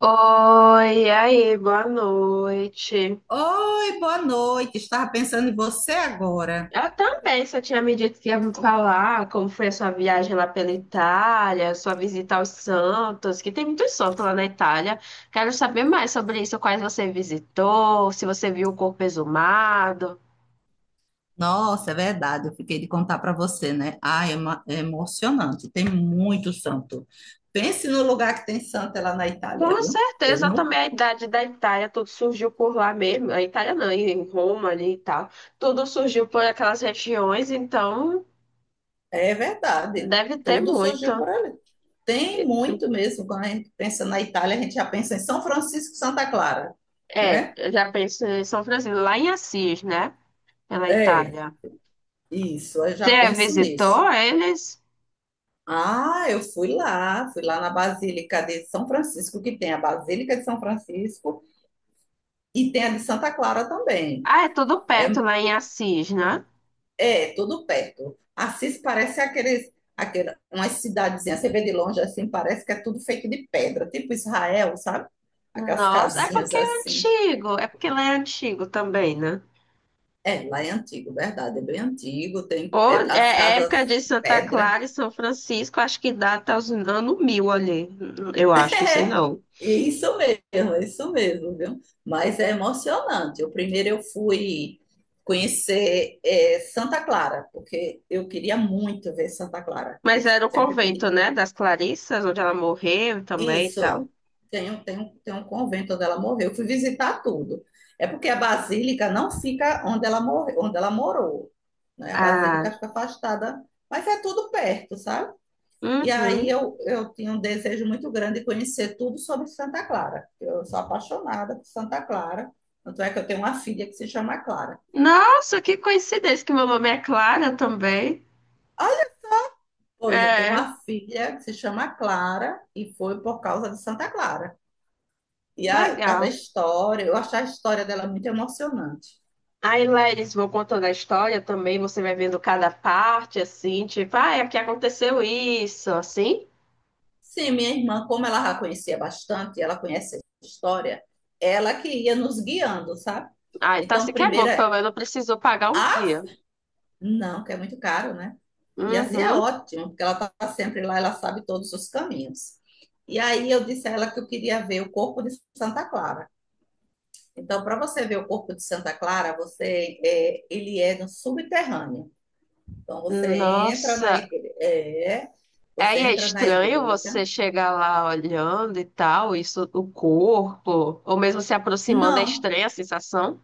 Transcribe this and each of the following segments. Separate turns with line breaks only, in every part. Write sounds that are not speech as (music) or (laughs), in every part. Oi, e aí, boa noite.
Oi, boa noite. Estava pensando em você agora.
Eu também, só tinha me dito que ia me falar como foi a sua viagem lá pela Itália, sua visita aos Santos, que tem muitos santos lá na Itália. Quero saber mais sobre isso, quais você visitou, se você viu o corpo exumado.
Nossa, é verdade. Eu fiquei de contar para você, né? Ah, é emocionante. Tem muito santo. Pense no lugar que tem santo é lá na Itália,
Com
viu? Eu
certeza
não...
também a idade da Itália, tudo surgiu por lá mesmo. A Itália não, em Roma ali e tal. Tudo surgiu por aquelas regiões, então
É verdade.
deve ter
Tudo surgiu
muito.
por ali. Tem muito mesmo. Quando a gente pensa na Itália, a gente já pensa em São Francisco e Santa Clara,
É,
né?
eu já penso em São Francisco, lá em Assis, né? Pela
É,
Itália.
isso. Eu já
Você
penso
visitou
nisso.
eles?
Ah, eu fui lá na Basílica de São Francisco, que tem a Basílica de São Francisco e tem a de Santa Clara também.
Ah, é tudo
É,
perto lá em Assis, né?
é tudo perto. Assis parece umas cidadezinhas, você vê de longe assim, parece que é tudo feito de pedra, tipo Israel, sabe? Aquelas
Nossa, é
casinhas
porque é
assim.
antigo, é porque lá é antigo também, né?
É, lá é antigo, verdade, é bem antigo, tem
Ou
é, as
é é
casas
época de Santa
pedra.
Clara e São Francisco, acho que dá até os anos mil ali, eu acho, não sei
É,
não.
é isso mesmo, viu? Mas é emocionante. O primeiro eu fui conhecer Santa Clara, porque eu queria muito ver Santa Clara. Eu
Mas era o
sempre
convento,
pedi.
né, das Clarissas, onde ela morreu também e tal.
Isso, tem um convento onde ela morreu. Eu fui visitar tudo. É porque a basílica não fica onde ela, morre, onde ela morou, né? A
Ah,
basílica fica afastada, mas é tudo perto, sabe? E aí
uhum.
eu tinha um desejo muito grande de conhecer tudo sobre Santa Clara. Eu sou apaixonada por Santa Clara. Tanto é que eu tenho uma filha que se chama Clara.
Nossa, que coincidência que meu nome é Clara também.
Olha, pois, eu tenho
É,
uma filha que se chama Clara e foi por causa de Santa Clara. Por causa da
legal.
história, eu achei a história dela muito emocionante.
Aí, Leris, vou contando a história também, você vai vendo cada parte, assim, tipo, ah, é que aconteceu isso, assim.
Sim, minha irmã, como ela já conhecia bastante, ela conhece a história, ela que ia nos guiando, sabe?
Ah, então assim
Então,
que é bom,
primeiro,
que pelo menos não precisou pagar um
a
guia.
Não, que é muito caro, né? E assim é
Uhum.
ótimo, porque ela está sempre lá, ela sabe todos os caminhos. E aí eu disse a ela que eu queria ver o corpo de Santa Clara. Então, para você ver o corpo de Santa Clara, ele é no subterrâneo. Então,
Nossa,
você
aí é
entra na
estranho
igreja.
você chegar lá olhando e tal, isso, o corpo, ou mesmo se aproximando, é
Não,
estranha a sensação.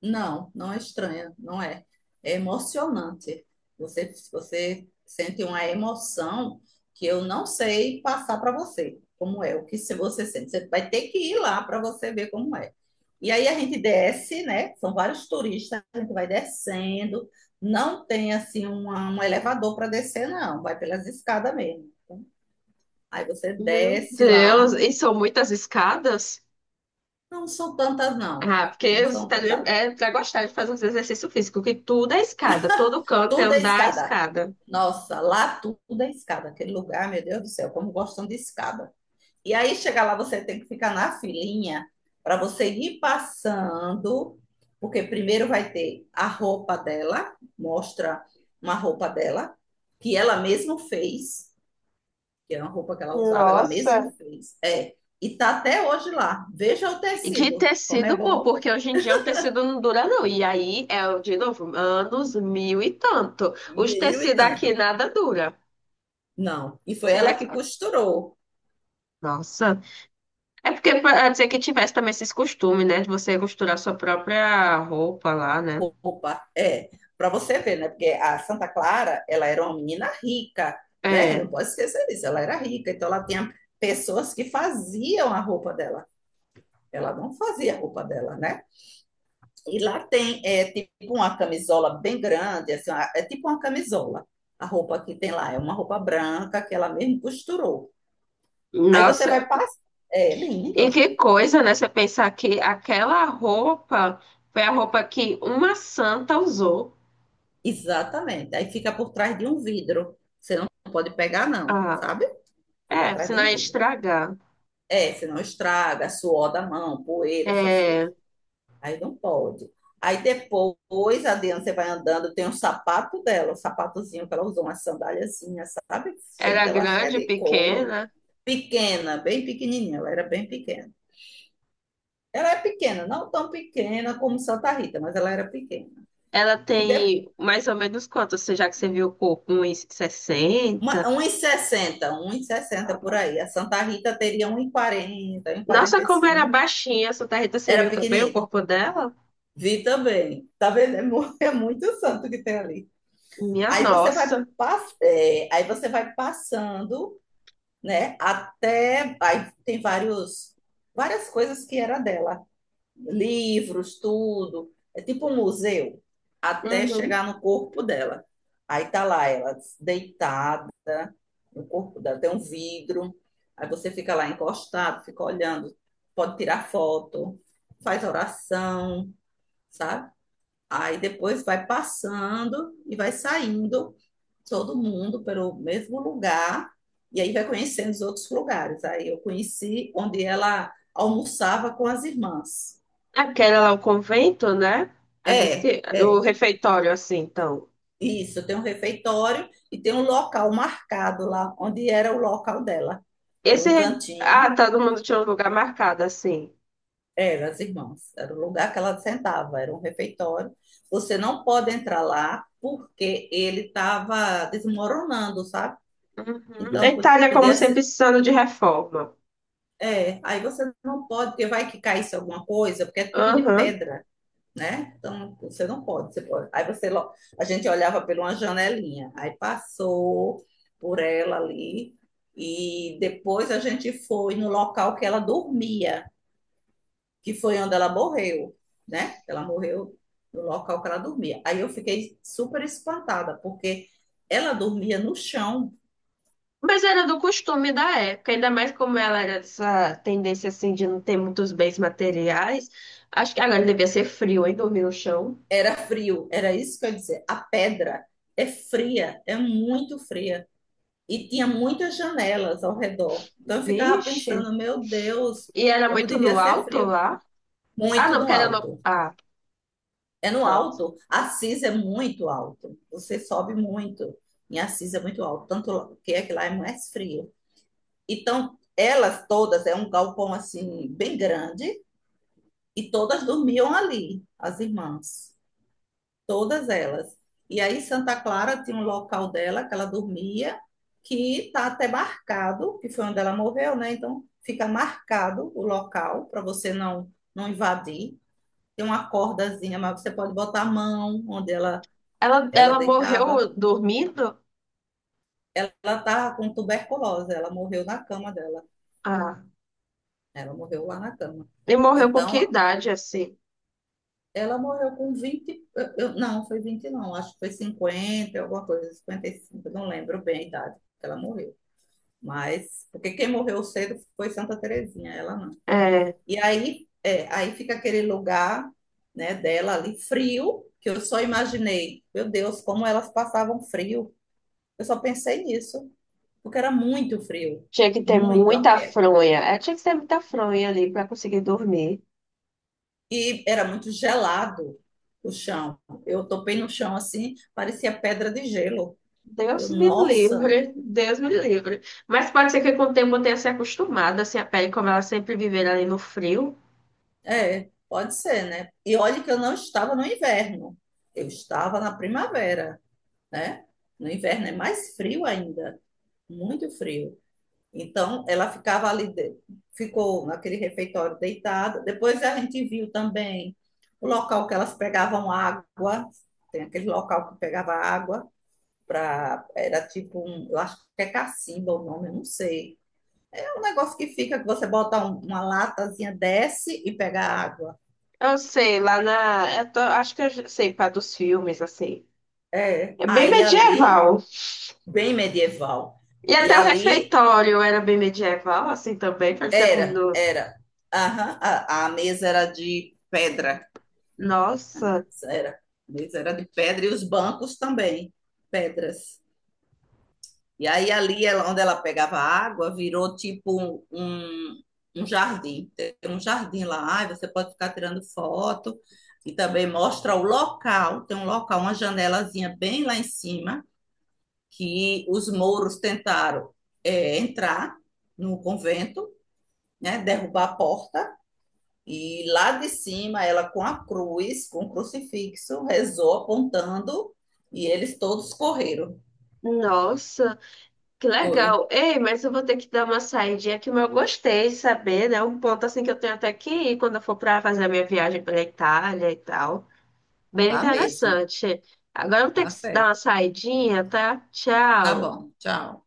não, não é estranha, não é. É emocionante. Você sente uma emoção que eu não sei passar para você, como é, o que se você sente. Você vai ter que ir lá para você ver como é. E aí a gente desce, né? São vários turistas, a gente vai descendo. Não tem assim um elevador para descer, não. Vai pelas escadas mesmo. Aí você
Meu
desce lá.
Deus, e são muitas escadas?
Não são tantas, não.
Ah,
Não
porque os
são
italianos
tantas.
é pra gostar de fazer uns exercício físico, que tudo é escada, todo canto é
Tudo é
andar a
escada.
escada.
Nossa, lá tudo é escada. Aquele lugar, meu Deus do céu, como gostam de escada. E aí, chegar lá, você tem que ficar na filinha para você ir passando, porque primeiro vai ter a roupa dela, mostra uma roupa dela, que ela mesma fez, que é uma roupa que ela usava, ela mesma
Nossa,
fez. É, e tá até hoje lá. Veja o
e que
tecido, como é
tecido bom,
bom.
porque hoje em dia um tecido não dura não. E aí é, de novo, anos mil e tanto. Os
Mil e
tecidos
tanto.
aqui nada dura.
Não, e foi
Você vê
ela
que...
que costurou.
Nossa. É porque pra dizer que tivesse também esses costumes, né? De você costurar sua própria roupa lá, né?
Opa, é. Para você ver, né? Porque a Santa Clara, ela era uma menina rica, né? Não
É.
pode esquecer disso. Ela era rica, então ela tinha pessoas que faziam a roupa dela. Ela não fazia a roupa dela, né? E lá tem tipo uma camisola bem grande, assim, é tipo uma camisola. A roupa que tem lá é uma roupa branca que ela mesmo costurou. Aí você
Nossa,
vai passar. É
e
lindo.
que coisa, né? Você pensar que aquela roupa foi a roupa que uma santa usou.
Exatamente. Aí fica por trás de um vidro. Você não pode pegar, não,
Ah,
sabe? Fica
é,
atrás de
senão
um
ia
vidro.
estragar.
É, senão estraga, suor da mão, poeira, essas coisas.
É,
Aí não pode. Aí depois, adiante, você vai andando, tem um sapato dela, um sapatozinho que ela usou, uma sandáliazinha, sabe?
era
Feita, ela acho que é
grande,
de couro.
pequena.
Pequena, bem pequenininha, ela era bem pequena. Ela é pequena, não tão pequena como Santa Rita, mas ela era pequena.
Ela
E de,
tem mais ou menos quanto? Você já que você viu o corpo? Uns sessenta?
1,60, sessenta um e sessenta por aí. A Santa Rita teria 1,40,
Nossa, como era
1,45.
baixinha. A Santa Rita, você
Era
viu também o
pequenina.
corpo dela?
Vi também. Tá vendo? É, (laughs) é muito santo que tem ali.
Minha
Aí você vai,
nossa.
aí você vai passando, né? Até. Aí tem várias coisas que era dela. Livros, tudo. É tipo um museu. Até
Uhum.
chegar no corpo dela. Aí tá lá ela deitada no corpo dela. Tem um vidro. Aí você fica lá encostado, fica olhando. Pode tirar foto, faz oração, sabe? Aí depois vai passando e vai saindo todo mundo pelo mesmo lugar e aí vai conhecendo os outros lugares. Aí eu conheci onde ela almoçava com as irmãs.
É porque era lá o convento, né? É por isso
É,
que, o
é,
refeitório, assim, então.
isso. Tem um refeitório e tem um local marcado lá, onde era o local dela. Era um
Ah,
cantinho,
todo mundo tinha um lugar marcado, assim.
era as irmãs, era o lugar que ela sentava, era um refeitório. Você não pode entrar lá porque ele estava desmoronando, sabe?
Uhum. A Itália, como
Podia
sempre,
ser.
precisando de reforma.
É, aí você não pode, porque vai que caísse alguma coisa, porque é tudo de
Uhum.
pedra, né? Então, você não pode. Você pode. A gente olhava por uma janelinha, aí passou por ela ali, e depois a gente foi no local que ela dormia, que foi onde ela morreu, né? Ela morreu no local que ela dormia. Aí eu fiquei super espantada, porque ela dormia no chão.
Mas era do costume da época, ainda mais como ela era dessa tendência assim de não ter muitos bens materiais. Acho que agora devia ser frio, hein? Dormir no chão.
Era frio, era isso que eu ia dizer. A pedra é fria, é muito fria. E tinha muitas janelas ao redor. Então eu ficava
Vixe.
pensando, meu Deus,
E era
como
muito
devia
no
ser
alto
frio.
lá. Ah,
Muito
não,
no
porque era no...
alto.
Ah,
É no
nossa.
alto. Assis é muito alto. Você sobe muito. Em Assis é muito alto. Tanto que é que lá é mais frio. Então, elas todas, é um galpão assim, bem grande. E todas dormiam ali, as irmãs, todas elas. E aí Santa Clara tinha um local dela que ela dormia, que está até marcado, que foi onde ela morreu, né? Então fica marcado o local para você não invadir. Tem uma cordazinha, mas você pode botar a mão onde ela
Ela,
ela
ela
deitava.
morreu dormindo?
Ela estava com tuberculose, ela morreu na cama dela.
Ah.
Ela morreu lá na cama.
E morreu com que
Então,
idade, assim?
ela morreu com 20 eu- não, foi 20 não, acho que foi 50 alguma coisa, 55, não lembro bem a idade que ela morreu. Mas, porque quem morreu cedo foi Santa Terezinha, ela não.
É.
E aí, aí fica aquele lugar, né, dela ali frio, que eu só imaginei, meu Deus, como elas passavam frio. Eu só pensei nisso, porque era muito frio,
Tinha que ter
muito a
muita
pé.
fronha. É, tinha que ter muita fronha ali para conseguir dormir.
E era muito gelado o chão. Eu topei no chão assim, parecia pedra de gelo.
Deus
Eu,
me
nossa,
livre, Deus me livre. Mas pode ser que com o tempo eu tenha se acostumado, assim, a pele, como ela sempre viver ali no frio.
é, pode ser, né? E olha que eu não estava no inverno, eu estava na primavera, né? No inverno é mais frio ainda, muito frio. Então, ela ficava ali, de- Ficou naquele refeitório deitada. Depois a gente viu também o local que elas pegavam água, tem aquele local que pegava água, para era tipo um, eu acho que é cacimba o nome, eu não sei. É um negócio que fica que você bota uma latazinha, desce e pega água.
Eu sei, lá na. Eu tô- Acho que eu já sei, para dos filmes, assim.
É,
É bem
aí ali
medieval.
bem medieval.
E
E
até o
ali
refeitório era bem medieval, assim também, parecia como
era,
nos.
era. Aham, a mesa era de pedra.
Nossa,
Era. A mesa era de pedra e os bancos também, pedras. E aí ali ela- onde ela pegava água, virou tipo um jardim. Tem um jardim lá, aí você pode ficar tirando foto e também mostra o local. Tem um local, uma janelazinha bem lá em cima, que os mouros tentaram entrar no convento, né, derrubar a porta. E lá de cima, ela com a cruz, com o crucifixo, rezou apontando e eles todos correram.
nossa. Que
Foi,
legal. Ei, mas eu vou ter que dar uma saidinha aqui, mas eu gostei de saber, né? Um ponto assim que eu tenho até que ir quando eu for para fazer a minha viagem pela Itália e tal. Bem
tá mesmo,
interessante. Agora eu vou ter
tá
que dar
certo.
uma saidinha, tá?
Tá
Tchau.
bom, tchau.